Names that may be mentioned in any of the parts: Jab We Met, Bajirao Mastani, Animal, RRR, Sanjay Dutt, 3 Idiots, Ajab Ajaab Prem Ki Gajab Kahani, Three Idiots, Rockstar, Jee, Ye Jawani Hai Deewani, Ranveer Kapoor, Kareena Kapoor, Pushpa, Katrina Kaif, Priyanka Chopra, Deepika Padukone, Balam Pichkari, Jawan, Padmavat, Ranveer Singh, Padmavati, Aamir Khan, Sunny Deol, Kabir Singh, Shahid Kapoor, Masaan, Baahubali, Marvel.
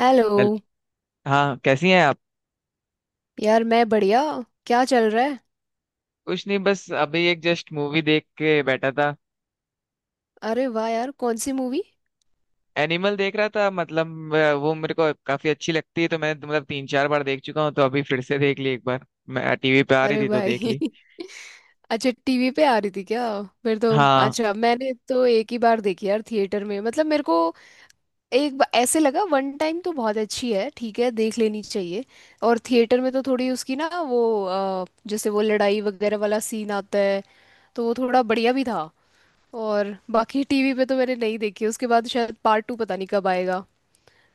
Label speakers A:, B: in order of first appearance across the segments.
A: Hello.
B: हेल- हाँ, कैसी हैं आप।
A: यार मैं बढ़िया। क्या चल रहा है।
B: कुछ नहीं, बस अभी एक जस्ट मूवी देख के बैठा था।
A: अरे वाह यार, कौन सी मूवी।
B: एनिमल देख रहा था, मतलब वो मेरे को काफी अच्छी लगती है, तो मैं मतलब तीन चार बार देख चुका हूँ, तो अभी फिर से देख ली एक बार। मैं टीवी पे आ रही
A: अरे
B: थी तो देख
A: भाई
B: ली।
A: अच्छा, टीवी पे आ रही थी क्या? फिर तो।
B: हाँ,
A: अच्छा, मैंने तो एक ही बार देखी यार, थिएटर में। मतलब मेरे को ऐसे लगा वन टाइम तो बहुत अच्छी है, ठीक है, देख लेनी चाहिए। और थिएटर में तो थोड़ी उसकी ना वो जैसे वो लड़ाई वगैरह वाला सीन आता है, तो वो थोड़ा बढ़िया भी था। और बाकी टीवी पे तो मैंने नहीं देखी उसके बाद। शायद पार्ट टू पता नहीं कब आएगा।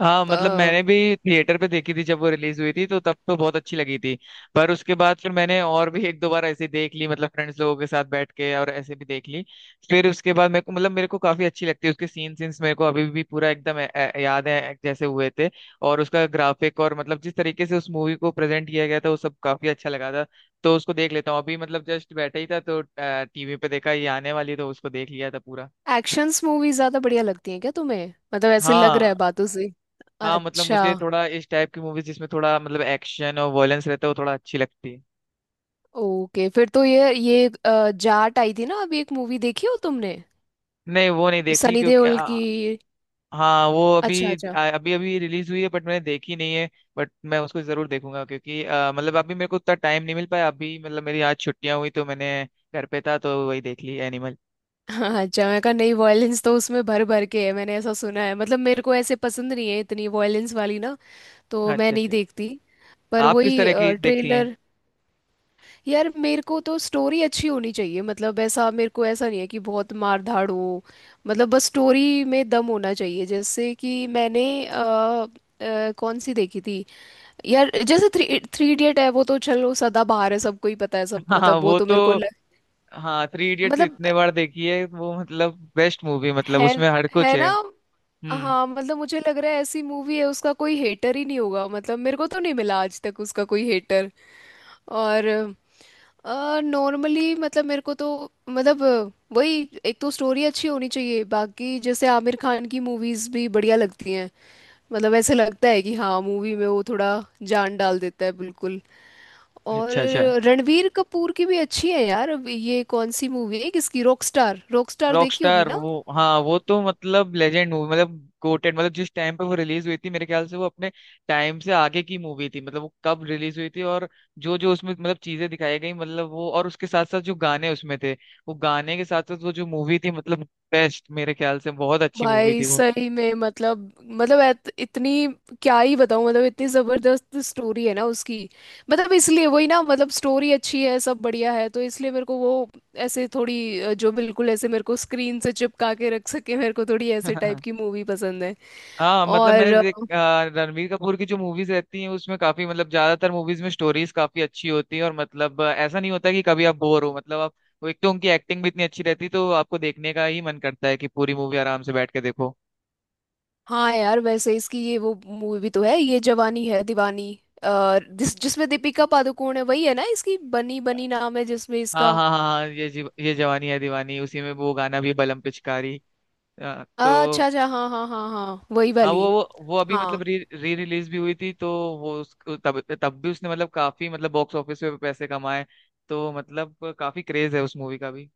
B: हाँ, मतलब मैंने भी थिएटर पे देखी थी जब वो रिलीज हुई थी, तो तब तो बहुत अच्छी लगी थी। पर उसके बाद फिर मैंने और भी एक दो बार ऐसे देख ली, मतलब फ्रेंड्स लोगों के साथ बैठ के, और ऐसे भी देख ली। फिर उसके बाद मेरे को, मतलब मेरे को काफी अच्छी लगती है। उसके सीन्स मेरे को अभी भी पूरा एकदम याद है जैसे हुए थे। और उसका ग्राफिक, और मतलब जिस तरीके से उस मूवी को प्रेजेंट किया गया था, वो सब काफी अच्छा लगा था। तो उसको देख लेता हूँ अभी, मतलब जस्ट बैठा ही था, तो टीवी पे देखा ये आने वाली, तो उसको देख लिया था पूरा।
A: एक्शंस मूवी ज्यादा बढ़िया लगती है क्या तुम्हें? मतलब ऐसे लग रहा
B: हाँ,
A: है बातों से।
B: हाँ, मतलब
A: अच्छा।
B: मुझे थोड़ा इस टाइप की मूवीज जिसमें थोड़ा मतलब एक्शन और वॉयलेंस रहता है, वो थोड़ा अच्छी लगती है।
A: ओके, फिर तो ये जाट आई थी ना अभी, एक मूवी, देखी हो तुमने?
B: नहीं, वो नहीं देखी
A: सनी
B: क्योंकि
A: देओल की।
B: हाँ, वो
A: अच्छा
B: अभी
A: अच्छा।
B: अभी अभी रिलीज हुई है, बट मैंने देखी नहीं है। बट मैं उसको जरूर देखूंगा क्योंकि मतलब अभी मेरे को उतना टाइम नहीं मिल पाया। अभी, मतलब मेरी आज छुट्टियां हुई तो मैंने घर पे था तो वही देख ली एनिमल।
A: हाँ, अच्छा मैं कहा, नहीं वॉयलेंस तो उसमें भर भर के है, मैंने ऐसा सुना है। मतलब मेरे को ऐसे पसंद नहीं है इतनी वॉयलेंस वाली ना, तो मैं
B: अच्छा,
A: नहीं
B: अच्छा।
A: देखती। पर
B: आप किस
A: वही
B: तरह की देखती हैं?
A: ट्रेलर। यार मेरे को तो स्टोरी अच्छी होनी चाहिए। मतलब ऐसा मेरे को, ऐसा नहीं है कि बहुत मार धाड़ हो। मतलब बस स्टोरी में दम होना चाहिए। जैसे कि मैंने कौन सी देखी थी यार, जैसे थ्री थ्री इडियट है, वो तो चलो सदाबहार है, सबको ही पता है सब।
B: हाँ,
A: मतलब वो
B: वो
A: तो
B: तो।
A: मेरे को लग,
B: हाँ, थ्री इडियट्स
A: मतलब
B: इतने बार देखी है वो, मतलब बेस्ट मूवी, मतलब
A: है।
B: उसमें हर कुछ
A: है ना?
B: है। हम्म।
A: हाँ मतलब मुझे लग रहा है ऐसी मूवी है, उसका कोई हेटर ही नहीं होगा। मतलब मेरे को तो नहीं मिला आज तक उसका कोई हेटर। और नॉर्मली मतलब मेरे को तो, मतलब वही एक तो स्टोरी अच्छी होनी चाहिए। बाकी जैसे आमिर खान की मूवीज भी बढ़िया लगती हैं। मतलब ऐसे लगता है कि हाँ, मूवी में वो थोड़ा जान डाल देता है बिल्कुल। और
B: अच्छा, अच्छा।
A: रणवीर कपूर की भी अच्छी है यार। अब ये कौन सी मूवी है किसकी, रॉकस्टार? रॉकस्टार देखी होगी
B: रॉकस्टार,
A: ना?
B: वो, हाँ, वो तो मतलब लेजेंड मूवी, मतलब गोटेड। मतलब जिस टाइम पे वो रिलीज हुई थी, मेरे ख्याल से वो अपने टाइम से आगे की मूवी थी। मतलब वो कब रिलीज हुई थी, और जो जो उसमें मतलब चीजें दिखाई गई, मतलब वो, और उसके साथ साथ जो गाने उसमें थे, वो गाने के साथ साथ वो जो मूवी थी, मतलब बेस्ट, मेरे ख्याल से बहुत अच्छी मूवी
A: भाई
B: थी वो।
A: सही में मतलब, मतलब ऐत- इतनी, क्या ही बताऊं मतलब इतनी जबरदस्त स्टोरी है ना उसकी। मतलब इसलिए वही ना, मतलब स्टोरी अच्छी है, सब बढ़िया है, तो इसलिए मेरे को वो, ऐसे थोड़ी जो बिल्कुल ऐसे मेरे को स्क्रीन से चिपका के रख सके, मेरे को थोड़ी ऐसे टाइप की मूवी पसंद है।
B: हाँ, मतलब
A: और
B: मैंने रणवीर कपूर की जो मूवीज रहती हैं उसमें काफी, मतलब ज्यादातर मूवीज में स्टोरीज काफी अच्छी होती है, और मतलब ऐसा नहीं होता कि कभी आप बोर हो, मतलब आप। वो एक तो उनकी एक्टिंग भी इतनी अच्छी रहती है, तो आपको देखने का ही मन करता है कि पूरी मूवी आराम से बैठ के देखो।
A: हाँ यार, वैसे इसकी ये वो मूवी भी तो है, ये जवानी है दीवानी, जिसमें दीपिका पादुकोण है, वही है ना इसकी, बनी बनी नाम है जिसमें
B: हाँ,
A: इसका।
B: हाँ, हाँ, हाँ, ये ये जवानी है दीवानी, उसी में वो गाना भी बलम पिचकारी। तो।
A: अच्छा अच्छा, हाँ हाँ हाँ हाँ, वही
B: हाँ, वो
A: वाली।
B: वो वो अभी
A: हाँ
B: मतलब री री रिलीज भी हुई थी, तो वो उस तब तब भी उसने मतलब काफी, मतलब बॉक्स ऑफिस पे पैसे कमाए। तो मतलब काफी क्रेज है उस मूवी का भी।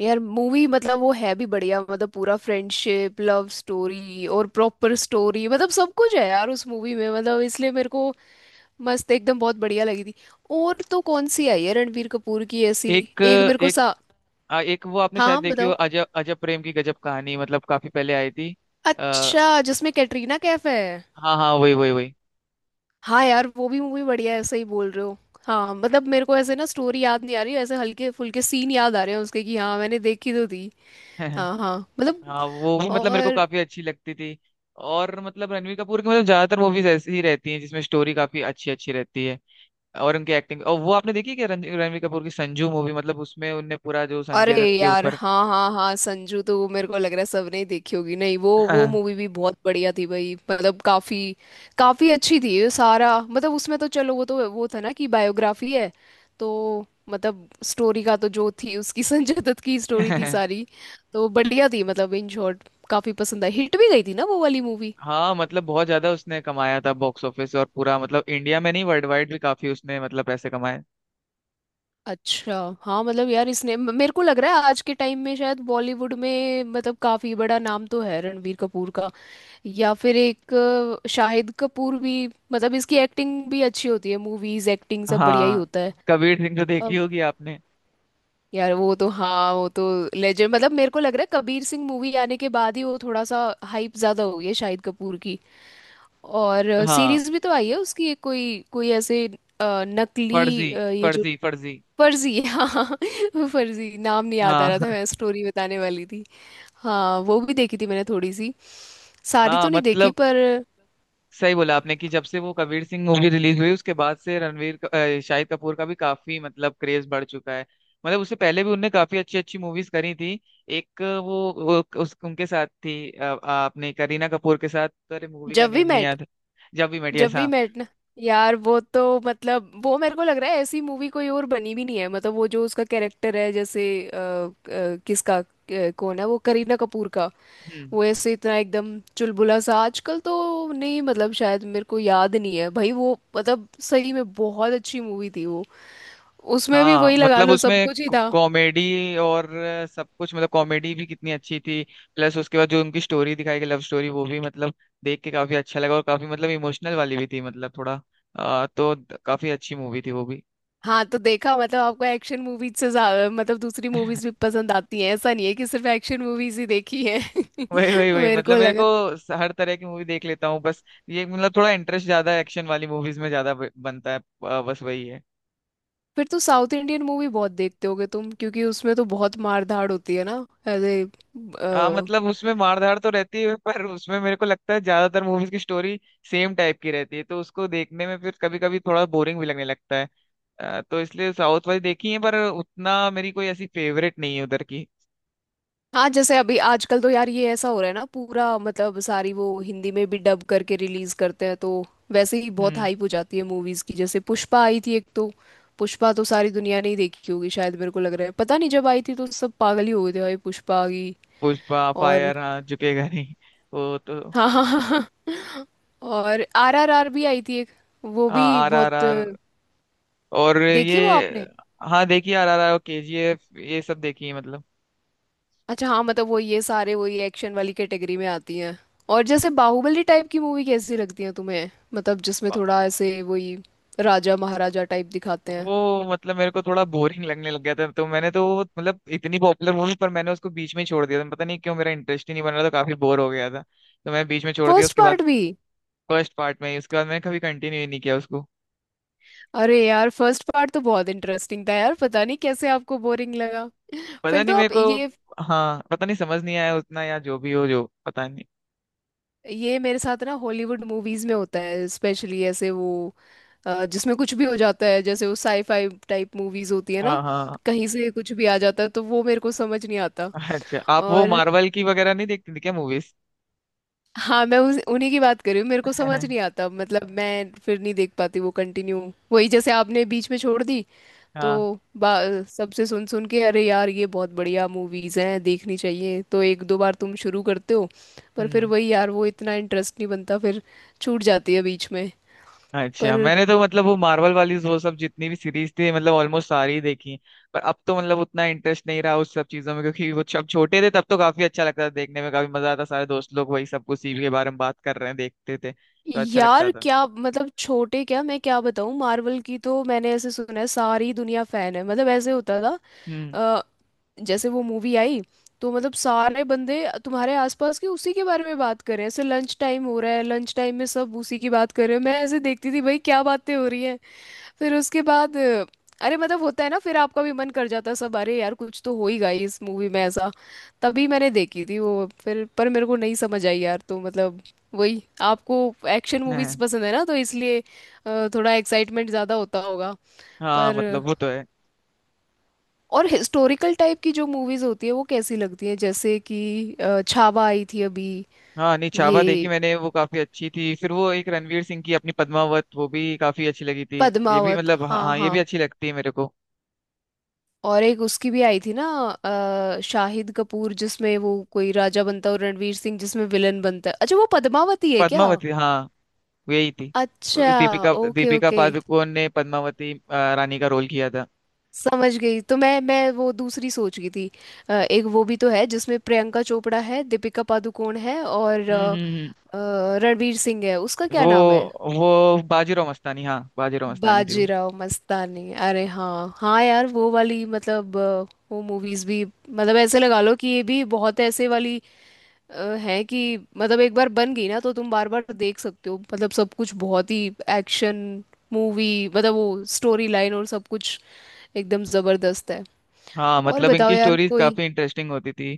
A: यार, मूवी मतलब वो है भी बढ़िया। मतलब पूरा फ्रेंडशिप, लव स्टोरी, और प्रॉपर स्टोरी, मतलब सब कुछ है यार उस मूवी में। मतलब इसलिए मेरे को मस्त एकदम बहुत बढ़िया लगी थी। और तो कौन सी आई है रणबीर कपूर की ऐसी?
B: एक
A: एक मेरे को
B: एक
A: सा,
B: आ, एक वो आपने
A: हाँ
B: शायद
A: हाँ,
B: देखी हो,
A: बताओ।
B: अजब अजब प्रेम की गजब कहानी, मतलब काफी पहले आई थी। आ,
A: अच्छा, जिसमें कैटरीना कैफ है।
B: हाँ, हाँ, वही, वही, वही।
A: हाँ यार, वो भी मूवी बढ़िया है, सही बोल रहे हो। हाँ मतलब मेरे को ऐसे ना स्टोरी याद नहीं आ रही, ऐसे हल्के फुल्के सीन याद आ रहे हैं उसके कि हाँ मैंने देखी तो थी। हाँ हाँ मतलब।
B: हाँ, वो भी मतलब मेरे को
A: और
B: काफी अच्छी लगती थी। और मतलब रणवीर कपूर की, मतलब ज्यादातर मूवीज ऐसी ही रहती हैं जिसमें स्टोरी काफी अच्छी अच्छी रहती है। और उनकी एक्टिंग, और वो आपने देखी है क्या रणवीर कपूर की संजू मूवी? मतलब उसमें उनने पूरा जो संजय
A: अरे
B: दत्त के
A: यार,
B: ऊपर।
A: हाँ हाँ हाँ, संजू तो वो मेरे को लग रहा है सबने ही देखी होगी। नहीं वो, वो मूवी भी बहुत बढ़िया थी भाई, मतलब काफी काफी अच्छी थी। ये सारा मतलब उसमें तो चलो, वो तो वो था ना कि बायोग्राफी है, तो मतलब स्टोरी का तो जो थी उसकी संजय दत्त की स्टोरी थी सारी। तो बढ़िया थी। मतलब इन शॉर्ट काफी पसंद आई, हिट भी गई थी ना वो वाली मूवी।
B: हाँ, मतलब बहुत ज्यादा उसने कमाया था बॉक्स ऑफिस, और पूरा मतलब इंडिया में नहीं, वर्ल्ड वाइड भी काफी उसने मतलब पैसे कमाए।
A: अच्छा। हाँ मतलब यार इसने मेरे को लग रहा है आज के टाइम में शायद बॉलीवुड में मतलब काफी बड़ा नाम तो है रणबीर कपूर का। या फिर एक शाहिद कपूर भी, मतलब इसकी एक्टिंग भी अच्छी होती है, मूवीज, एक्टिंग, सब बढ़िया ही
B: हाँ।
A: होता है।
B: कबीर सिंह तो देखी
A: अब
B: होगी आपने।
A: यार वो तो, हाँ वो तो लेजेंड। मतलब मेरे को लग रहा है कबीर सिंह मूवी आने के बाद ही वो थोड़ा सा हाइप ज्यादा हो गई है शाहिद कपूर की। और
B: हाँ,
A: सीरीज भी तो आई है उसकी एक, कोई कोई ऐसे नकली
B: फर्जी,
A: ये जो,
B: फर्जी, फर्जी,
A: फर्जी हाँ फर्जी, नाम नहीं याद आ
B: हाँ।
A: रहा था, मैं स्टोरी बताने वाली थी। हाँ वो भी देखी थी मैंने थोड़ी सी, सारी
B: हाँ,
A: तो नहीं देखी
B: मतलब
A: पर।
B: सही बोला आपने कि जब से वो कबीर सिंह मूवी रिलीज हुई, उसके बाद से शाहिद कपूर का भी काफी मतलब क्रेज बढ़ चुका है। मतलब उससे पहले भी उनने काफी अच्छी अच्छी मूवीज करी थी। एक वो उस उनके साथ थी, आपने करीना कपूर के साथ, अरे, मूवी का
A: जब वी
B: नेम नहीं
A: मेट।
B: याद। जब भी मेट,
A: जब
B: यस।
A: वी मेट ना। यार वो तो मतलब वो मेरे को लग रहा है ऐसी मूवी कोई और बनी भी नहीं है। मतलब वो जो उसका कैरेक्टर है जैसे किसका कौन है वो, करीना कपूर का,
B: हाँ,
A: वो ऐसे इतना एकदम चुलबुला सा, आजकल तो नहीं मतलब शायद मेरे को याद नहीं है भाई, वो मतलब सही में बहुत अच्छी मूवी थी वो। उसमें भी
B: हाँ,
A: वही लगा
B: मतलब
A: लो, सब
B: उसमें
A: कुछ ही था।
B: कॉमेडी और सब कुछ, मतलब कॉमेडी भी कितनी अच्छी थी। प्लस उसके बाद जो उनकी स्टोरी दिखाई गई, लव स्टोरी, वो भी मतलब देख के काफी अच्छा लगा, और काफी मतलब इमोशनल वाली भी थी, मतलब थोड़ा तो काफी अच्छी मूवी थी वो भी।
A: हाँ तो देखा, मतलब आपको एक्शन मूवीज से ज्यादा मतलब दूसरी मूवीज भी पसंद आती हैं, ऐसा नहीं है कि सिर्फ एक्शन मूवीज ही देखी है
B: वही, वही, वही,
A: मेरे को
B: मतलब मेरे
A: लगा।
B: को हर तरह की मूवी देख लेता हूँ बस। ये मतलब थोड़ा इंटरेस्ट ज्यादा एक्शन वाली मूवीज में ज्यादा बनता है। बस वही है।
A: फिर तो साउथ इंडियन मूवी बहुत देखते होगे तुम, क्योंकि उसमें तो बहुत मार धाड़ होती है ना, एज ए।
B: हाँ, मतलब उसमें मारधाड़ तो रहती है, पर उसमें मेरे को लगता है ज्यादातर मूवीज की स्टोरी सेम टाइप की रहती है, तो उसको देखने में फिर कभी कभी थोड़ा बोरिंग भी लगने लगता है। तो इसलिए साउथ वाली देखी है, पर उतना मेरी कोई ऐसी फेवरेट नहीं है उधर की।
A: हाँ जैसे अभी आजकल तो यार ये ऐसा हो रहा है ना, पूरा मतलब सारी वो हिंदी में भी डब करके रिलीज करते हैं, तो वैसे ही बहुत
B: हम्म।
A: हाइप हो जाती है मूवीज की। जैसे पुष्पा आई थी एक तो, पुष्पा तो सारी दुनिया ने ही देखी होगी शायद, मेरे को लग रहा है। पता नहीं जब आई थी तो सब पागल ही हो गए थे भाई पुष्पा की।
B: पुष्पा
A: और
B: फायर, हाँ, झुकेगा नहीं। वो तो।
A: हाँ हाँ। और आर आर आर भी आई थी एक, वो भी
B: हाँ, आर आर
A: बहुत।
B: आर, और
A: देखी वो आपने?
B: ये। हाँ, देखिए, R R R, K G F, ये सब देखी है, मतलब
A: अच्छा, हाँ मतलब वो, ये सारे वही एक्शन वाली कैटेगरी में आती हैं। और जैसे बाहुबली टाइप की मूवी कैसी लगती है तुम्हें? मतलब जिसमें थोड़ा ऐसे वही राजा महाराजा टाइप दिखाते हैं।
B: वो मतलब मेरे को थोड़ा बोरिंग लगने लग गया था, तो मैंने तो वो मतलब इतनी पॉपुलर मूवी, पर मैंने उसको बीच में ही छोड़ दिया था, पता नहीं क्यों मेरा इंटरेस्ट ही नहीं बन रहा था, काफी बोर हो गया था, तो मैंने बीच में छोड़ दिया
A: फर्स्ट
B: उसके बाद।
A: पार्ट भी?
B: फर्स्ट पार्ट में ही, उसके बाद मैंने कभी कंटिन्यू ही नहीं किया उसको।
A: अरे यार फर्स्ट पार्ट तो बहुत इंटरेस्टिंग था यार, पता नहीं कैसे आपको बोरिंग लगा।
B: पता
A: फिर
B: नहीं
A: तो
B: मेरे
A: आप
B: को।
A: ये
B: हाँ, पता नहीं, समझ नहीं आया उतना, या जो भी हो, जो पता नहीं।
A: ये मेरे साथ ना हॉलीवुड मूवीज में होता है, स्पेशली ऐसे वो जिसमें कुछ भी हो जाता है, जैसे वो साईफाई टाइप मूवीज होती है ना,
B: हाँ, हाँ।
A: कहीं से कुछ भी आ जाता है तो वो मेरे को समझ नहीं आता।
B: अच्छा, आप वो
A: और
B: मार्वल की वगैरह नहीं देखते थे क्या मूवीज?
A: हाँ मैं उस उन्हीं की बात कर रही हूँ, मेरे को समझ नहीं आता। मतलब मैं फिर नहीं देख पाती वो कंटिन्यू, वही जैसे आपने बीच में छोड़ दी। तो
B: हाँ।
A: सबसे सुन सुन के अरे यार ये बहुत बढ़िया मूवीज हैं देखनी चाहिए, तो एक दो बार तुम शुरू करते हो, पर फिर
B: हम्म।
A: वही यार वो इतना इंटरेस्ट नहीं बनता, फिर छूट जाती है बीच में।
B: अच्छा,
A: पर
B: मैंने तो मतलब वो मार्वल वाली, वो सब जितनी भी सीरीज थी, मतलब ऑलमोस्ट सारी ही देखी। पर अब तो मतलब उतना इंटरेस्ट नहीं रहा उस सब चीजों में, क्योंकि वो जब छोटे थे तब तो काफी अच्छा लगता था देखने में, काफी मजा आता, सारे दोस्त लोग वही सब कुछ सीवी के बारे में बात कर रहे हैं देखते थे तो अच्छा लगता
A: यार
B: था।
A: क्या मतलब छोटे, क्या मैं क्या बताऊँ, मार्वल की तो मैंने ऐसे सुना है सारी दुनिया फैन है, मतलब ऐसे होता
B: हम्म,
A: था। जैसे वो मूवी आई, तो मतलब सारे बंदे तुम्हारे आसपास के उसी के बारे में बात कर रहे हैं, ऐसे लंच टाइम हो रहा है, लंच टाइम में सब उसी की बात कर रहे हैं, मैं ऐसे देखती थी भाई क्या बातें हो रही हैं। फिर उसके बाद अरे मतलब होता है ना, फिर आपका भी मन कर जाता है, सब अरे यार कुछ तो हो ही गई इस मूवी में ऐसा। तभी मैंने देखी थी वो फिर, पर मेरे को नहीं समझ आई यार। तो मतलब वही, आपको एक्शन मूवीज
B: हाँ,
A: पसंद है ना, तो इसलिए थोड़ा एक्साइटमेंट ज्यादा होता होगा।
B: हाँ,
A: पर
B: मतलब वो तो है।
A: और हिस्टोरिकल टाइप की जो मूवीज होती है वो कैसी लगती है, जैसे कि छावा आई थी अभी।
B: हाँ, नहीं, चावा देखी
A: ये
B: मैंने, वो काफी अच्छी थी। फिर वो एक रणवीर सिंह की अपनी पद्मावत, वो भी काफी अच्छी लगी थी। ये भी
A: पद्मावत
B: मतलब, हाँ,
A: हाँ
B: हाँ, ये
A: हाँ।
B: भी अच्छी लगती है मेरे को।
A: और एक उसकी भी आई थी ना शाहिद कपूर, जिसमें वो कोई राजा बनता है और रणवीर सिंह जिसमें विलन बनता है, अच्छा वो पद्मावती है क्या?
B: पद्मावती, हाँ, यही थी।
A: अच्छा,
B: दीपिका
A: ओके
B: दीपिका
A: ओके,
B: पादुकोण ने पद्मावती रानी का रोल किया था।
A: समझ गई। तो मैं वो दूसरी सोच गई थी। एक वो भी तो है जिसमें प्रियंका चोपड़ा है, दीपिका पादुकोण है और
B: हम्म, हम्म,
A: रणवीर सिंह है, उसका
B: हम्म।
A: क्या
B: वो
A: नाम है?
B: वो बाजीराव मस्तानी, हाँ, बाजीराव मस्तानी थी वो।
A: बाजीराव मस्तानी, अरे हाँ हाँ यार वो वाली, मतलब वो मूवीज भी मतलब ऐसे लगा लो कि ये भी बहुत ऐसे वाली है कि मतलब एक बार बन गई ना तो तुम बार बार देख सकते हो। मतलब सब कुछ बहुत ही एक्शन मूवी, मतलब वो स्टोरी लाइन और सब कुछ एकदम जबरदस्त है।
B: हाँ,
A: और
B: मतलब
A: बताओ
B: इनकी
A: यार
B: स्टोरीज
A: कोई,
B: काफी इंटरेस्टिंग होती थी।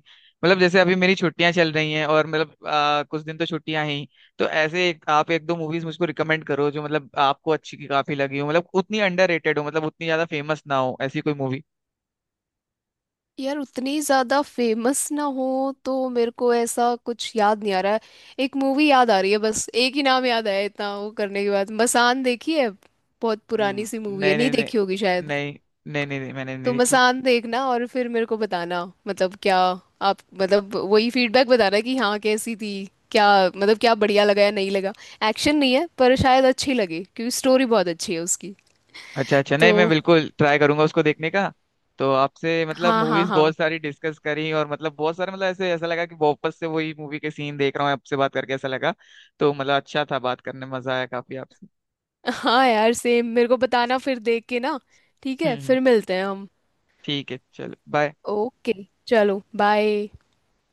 B: मतलब जैसे अभी मेरी छुट्टियां चल रही हैं, और मतलब कुछ दिन तो छुट्टियां हैं ही। तो ऐसे आप एक दो मूवीज मुझको रिकमेंड करो जो मतलब आपको अच्छी की काफी लगी हो, मतलब उतनी अंडररेटेड हो, मतलब उतनी ज्यादा फेमस ना हो, ऐसी कोई मूवी।
A: यार उतनी ज्यादा फेमस ना हो तो मेरे को ऐसा कुछ याद नहीं आ रहा है। एक मूवी याद आ रही है, बस एक ही नाम याद आया इतना वो करने के बाद, मसान देखी है? बहुत पुरानी सी मूवी है,
B: नहीं,
A: नहीं
B: नहीं, नहीं,
A: देखी होगी शायद।
B: नहीं, नहीं, नहीं, नहीं, मैंने नहीं
A: तो
B: देखी।
A: मसान देखना और फिर मेरे को बताना, मतलब क्या, आप मतलब वही फीडबैक बताना कि हाँ कैसी थी, क्या, मतलब क्या बढ़िया लगा या नहीं लगा। एक्शन नहीं है पर शायद अच्छी लगे, क्योंकि स्टोरी बहुत अच्छी है उसकी।
B: अच्छा, अच्छा, नहीं, मैं
A: तो
B: बिल्कुल ट्राई करूंगा उसको देखने का। तो आपसे मतलब
A: हाँ हाँ
B: मूवीज
A: हाँ।
B: बहुत सारी डिस्कस करी, और मतलब बहुत सारे, मतलब ऐसे ऐसा लगा कि वापस से वही मूवी के सीन देख रहा हूँ, आपसे बात करके ऐसा लगा। तो मतलब अच्छा था, बात करने में मजा आया काफी आपसे।
A: हाँ यार सेम, मेरे को बताना फिर देख के ना। ठीक
B: हम्म,
A: है फिर मिलते हैं हम।
B: ठीक है, चलो, बाय।
A: ओके, चलो बाय।